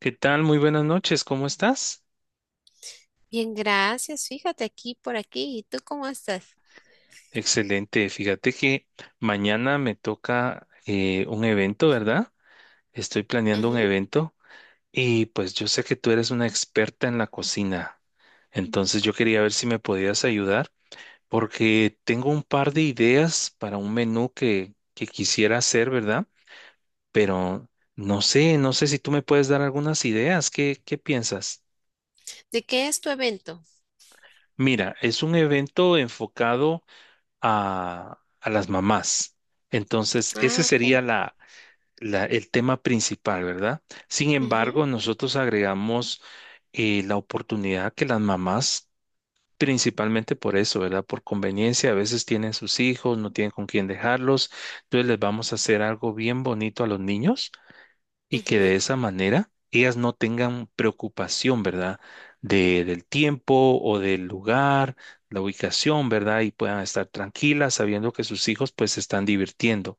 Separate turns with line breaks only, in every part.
¿Qué tal? Muy buenas noches, ¿cómo estás?
Bien, gracias. Fíjate aquí por aquí. ¿Y tú cómo estás?
Excelente, fíjate que mañana me toca un evento, ¿verdad? Estoy planeando un
Ujú.
evento y pues yo sé que tú eres una experta en la cocina, entonces yo quería ver si me podías ayudar porque tengo un par de ideas para un menú que quisiera hacer, ¿verdad? Pero no sé si tú me puedes dar algunas ideas, ¿qué piensas?
¿De qué es tu evento?
Mira, es un evento enfocado a las mamás. Entonces, ese
Ah,
sería
ok.
el tema principal, ¿verdad? Sin
Ujú,
embargo, nosotros agregamos la oportunidad que las mamás, principalmente por eso, ¿verdad? Por conveniencia, a veces tienen sus hijos, no tienen con quién dejarlos, entonces les vamos a hacer algo bien bonito a los niños y que
ujú,
de esa manera ellas no tengan preocupación, ¿verdad? Del tiempo o del lugar, la ubicación, ¿verdad? Y puedan estar tranquilas sabiendo que sus hijos pues se están divirtiendo.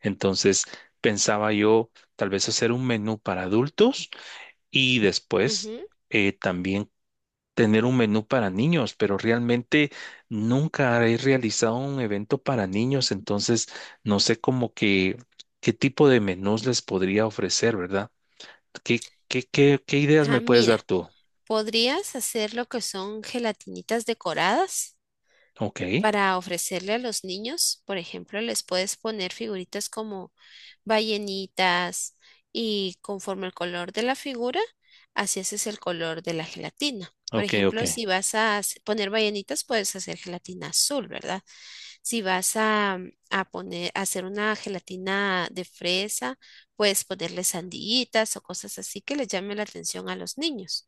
Entonces, pensaba yo tal vez hacer un menú para adultos y después
ujú.
también tener un menú para niños, pero realmente nunca he realizado un evento para niños, entonces no sé cómo que qué tipo de menús les podría ofrecer, ¿verdad? ¿Qué ideas
Ah,
me puedes
mira,
dar tú?
podrías hacer lo que son gelatinitas decoradas
Ok,
para ofrecerle a los niños. Por ejemplo, les puedes poner figuritas como ballenitas y conforme el color de la figura, así haces el color de la gelatina. Por
ok, ok,
ejemplo, si vas a poner ballenitas, puedes hacer gelatina azul, ¿verdad? Si vas a poner, a hacer una gelatina de fresa, puedes ponerle sandillitas o cosas así que les llame la atención a los niños.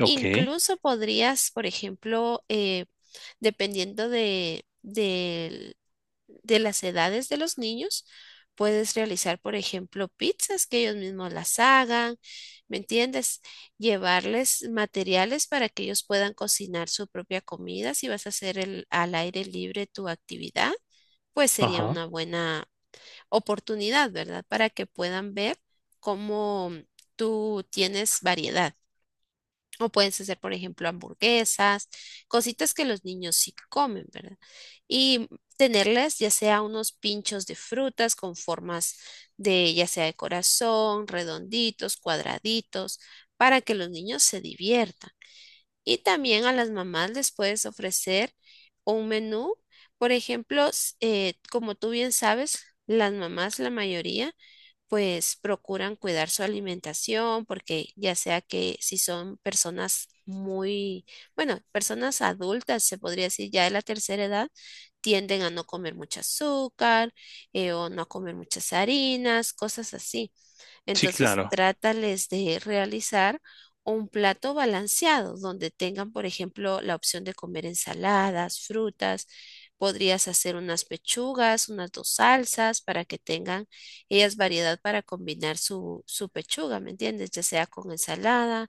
ok,
Incluso podrías, por ejemplo, dependiendo de las edades de los niños, puedes realizar, por ejemplo, pizzas que ellos mismos las hagan, ¿me entiendes? Llevarles materiales para que ellos puedan cocinar su propia comida. Si vas a hacer al aire libre tu actividad, pues sería
ajá.
una buena oportunidad, ¿verdad? Para que puedan ver cómo tú tienes variedad. O puedes hacer, por ejemplo, hamburguesas, cositas que los niños sí comen, ¿verdad? Y tenerles ya sea unos pinchos de frutas con formas de, ya sea de corazón, redonditos, cuadraditos, para que los niños se diviertan. Y también a las mamás les puedes ofrecer un menú. Por ejemplo, como tú bien sabes, las mamás, la mayoría, pues procuran cuidar su alimentación porque ya sea que si son personas muy, bueno, personas adultas, se podría decir ya de la tercera edad, tienden a no comer mucho azúcar o no a comer muchas harinas, cosas así.
Sí,
Entonces,
claro.
trátales de realizar un plato balanceado donde tengan, por ejemplo, la opción de comer ensaladas, frutas. Podrías hacer unas pechugas, unas dos salsas para que tengan ellas variedad para combinar su pechuga, ¿me entiendes? Ya sea con ensalada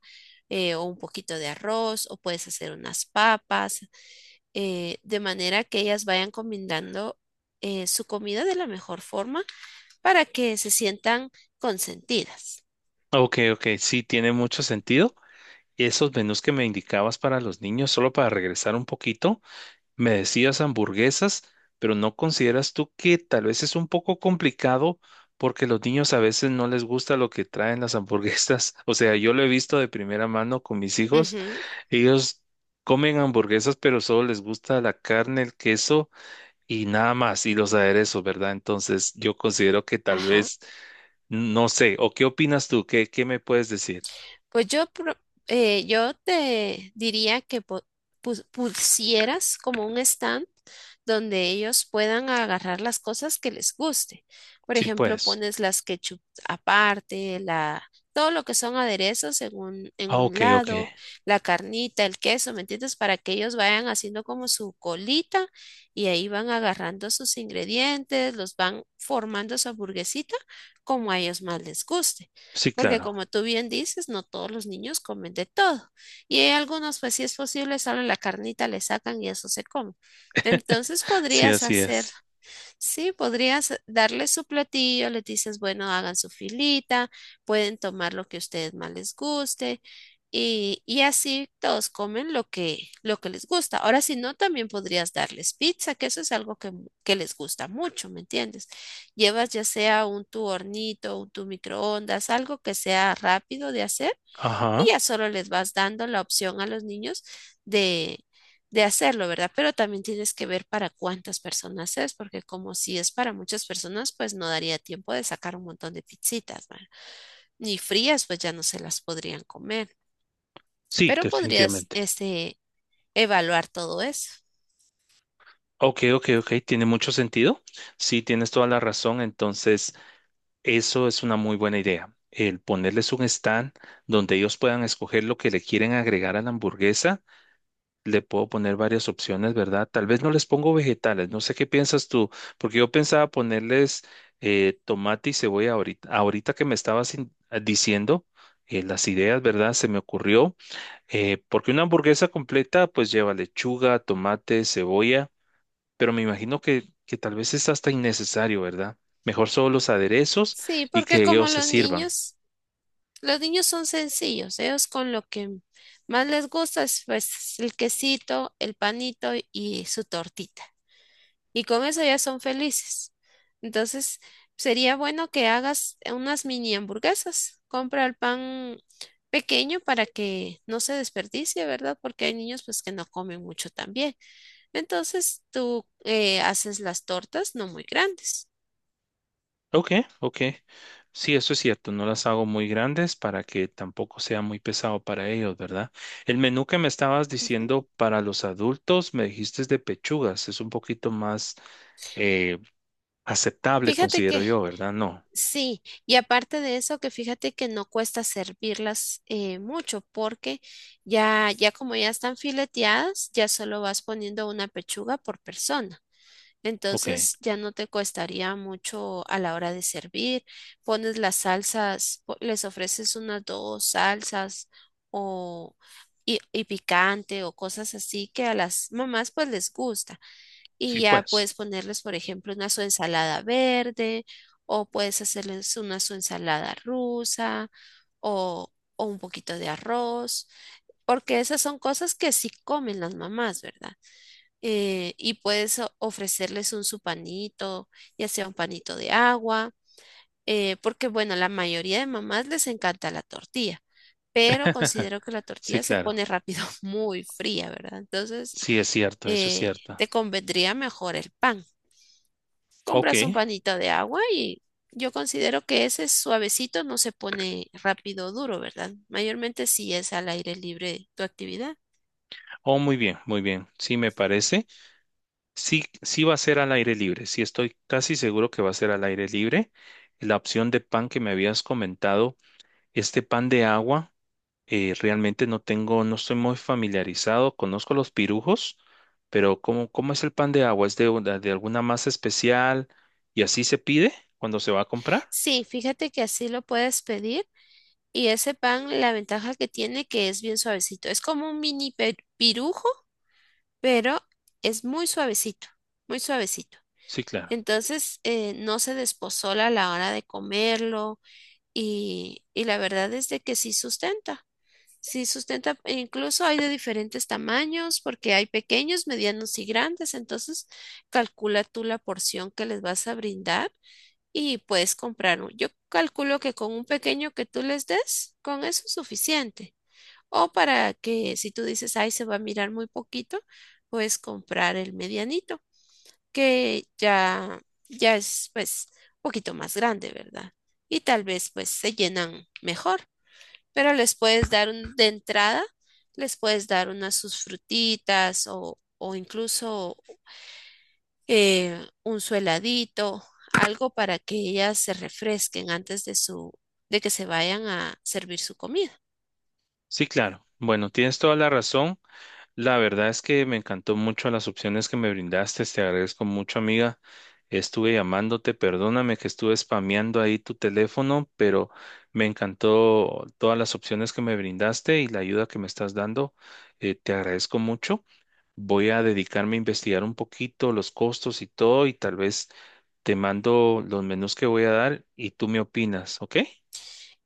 o un poquito de arroz o puedes hacer unas papas, de manera que ellas vayan combinando su comida de la mejor forma para que se sientan consentidas.
Ok, ok, sí, tiene mucho sentido. Esos menús que me indicabas para los niños, solo para regresar un poquito, me decías hamburguesas, pero ¿no consideras tú que tal vez es un poco complicado porque los niños a veces no les gusta lo que traen las hamburguesas? O sea, yo lo he visto de primera mano con mis hijos.
Ujú.
Ellos comen hamburguesas, pero solo les gusta la carne, el queso y nada más, y los aderezos, ¿verdad? Entonces, yo considero que tal
Ajá.
vez, no sé, ¿o qué opinas tú? Qué me puedes decir?
Pues yo, yo te diría que pusieras como un stand donde ellos puedan agarrar las cosas que les guste. Por
Sí,
ejemplo,
pues.
pones las ketchup aparte, la, todo lo que son aderezos en un, en
Ah,
un
ok, ok.
lado, la carnita, el queso, ¿me entiendes? Para que ellos vayan haciendo como su colita y ahí van agarrando sus ingredientes, los van formando su hamburguesita como a ellos más les guste
Sí,
porque
claro.
como tú bien dices, no todos los niños comen de todo. Y hay algunos, pues si es posible, solo la carnita le sacan y eso se come. Entonces
Sí,
podrías
así
hacer.
es.
Sí, podrías darle su platillo, les dices, bueno, hagan su filita, pueden tomar lo que a ustedes más les guste y así todos comen lo que les gusta. Ahora, si no, también podrías darles pizza, que eso es algo que, que les gusta mucho, ¿me entiendes? Llevas ya sea un tu hornito, un tu microondas, algo que sea rápido de hacer y
Ajá.
ya solo les vas dando la opción a los niños de, de hacerlo, ¿verdad? Pero también tienes que ver para cuántas personas es, porque como si es para muchas personas, pues no daría tiempo de sacar un montón de pizzitas, ¿verdad? Ni frías, pues ya no se las podrían comer,
Sí,
pero podrías,
definitivamente.
este, evaluar todo eso.
Ok, ok, ok. Tiene mucho sentido. Sí, tienes toda la razón. Entonces, eso es una muy buena idea. El ponerles un stand donde ellos puedan escoger lo que le quieren agregar a la hamburguesa. Le puedo poner varias opciones, ¿verdad? Tal vez no les pongo vegetales, no sé qué piensas tú, porque yo pensaba ponerles tomate y cebolla ahorita que me estabas diciendo las ideas, ¿verdad? Se me ocurrió, porque una hamburguesa completa pues lleva lechuga, tomate, cebolla, pero me imagino que tal vez es hasta innecesario, ¿verdad? Mejor solo los aderezos
Sí,
y
porque
que
como
ellos se sirvan.
los niños son sencillos, ellos con lo que más les gusta es pues el quesito, el panito y su tortita, y con eso ya son felices. Entonces, sería bueno que hagas unas mini hamburguesas. Compra el pan pequeño para que no se desperdicie, ¿verdad? Porque hay niños pues que no comen mucho también. Entonces, tú haces las tortas no muy grandes.
Ok, ok. Sí, eso es cierto. No las hago muy grandes para que tampoco sea muy pesado para ellos, ¿verdad? El menú que me estabas
Ujú.
diciendo para los adultos, me dijiste es de pechugas. Es un poquito más eh, aceptable,
Fíjate
considero
que
yo, ¿verdad? No.
sí, y aparte de eso, que fíjate que no cuesta servirlas mucho porque ya como ya están fileteadas, ya solo vas poniendo una pechuga por persona.
Ok.
Entonces ya no te costaría mucho a la hora de servir. Pones las salsas, les ofreces unas dos salsas o y picante o cosas así que a las mamás pues les gusta.
Sí,
Y ya
pues.
puedes ponerles, por ejemplo, una su ensalada verde o puedes hacerles una su ensalada rusa o un poquito de arroz, porque esas son cosas que sí comen las mamás, ¿verdad? Y puedes ofrecerles un su panito, ya sea un panito de agua, porque bueno, la mayoría de mamás les encanta la tortilla, pero considero que la
Sí,
tortilla se
claro.
pone rápido muy fría, ¿verdad? Entonces,
Sí, es cierto. Eso es
eh,
cierto.
te convendría mejor el pan.
Ok.
Compras un panito de agua y yo considero que ese suavecito no se pone rápido duro, ¿verdad? Mayormente si es al aire libre tu actividad.
Oh, muy bien, muy bien. Sí, me parece. Sí, sí va a ser al aire libre, sí estoy casi seguro que va a ser al aire libre. La opción de pan que me habías comentado, este pan de agua, realmente no tengo, no estoy muy familiarizado, conozco los pirujos, pero ¿cómo es el pan de agua? ¿Es de, de alguna masa especial y así se pide cuando se va a comprar?
Sí, fíjate que así lo puedes pedir. Y ese pan, la ventaja que tiene que es bien suavecito. Es como un mini pirujo, pero es muy suavecito, muy suavecito.
Sí, claro,
Entonces, no se despozola a la hora de comerlo y la verdad es de que sí sustenta. Sí sustenta, e incluso hay de diferentes tamaños porque hay pequeños, medianos y grandes. Entonces, calcula tú la porción que les vas a brindar y puedes comprar. Yo calculo que con un pequeño que tú les des, con eso es suficiente. O para que si tú dices, ay, se va a mirar muy poquito, puedes comprar el medianito, que ya es pues un poquito más grande, ¿verdad? Y tal vez pues se llenan mejor, pero les puedes dar de entrada, les puedes dar unas sus frutitas o incluso un su heladito, algo para que ellas se refresquen antes de su, de que se vayan a servir su comida.
sí, claro. Bueno, tienes toda la razón. La verdad es que me encantó mucho las opciones que me brindaste, te agradezco mucho, amiga. Estuve llamándote, perdóname que estuve spameando ahí tu teléfono, pero me encantó todas las opciones que me brindaste y la ayuda que me estás dando. Te agradezco mucho. Voy a dedicarme a investigar un poquito los costos y todo, y tal vez te mando los menús que voy a dar y tú me opinas, ¿ok?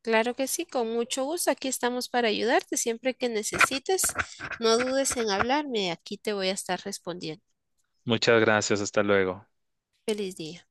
Claro que sí, con mucho gusto. Aquí estamos para ayudarte siempre que necesites. No dudes en hablarme, aquí te voy a estar respondiendo.
Muchas gracias, hasta luego.
Feliz día.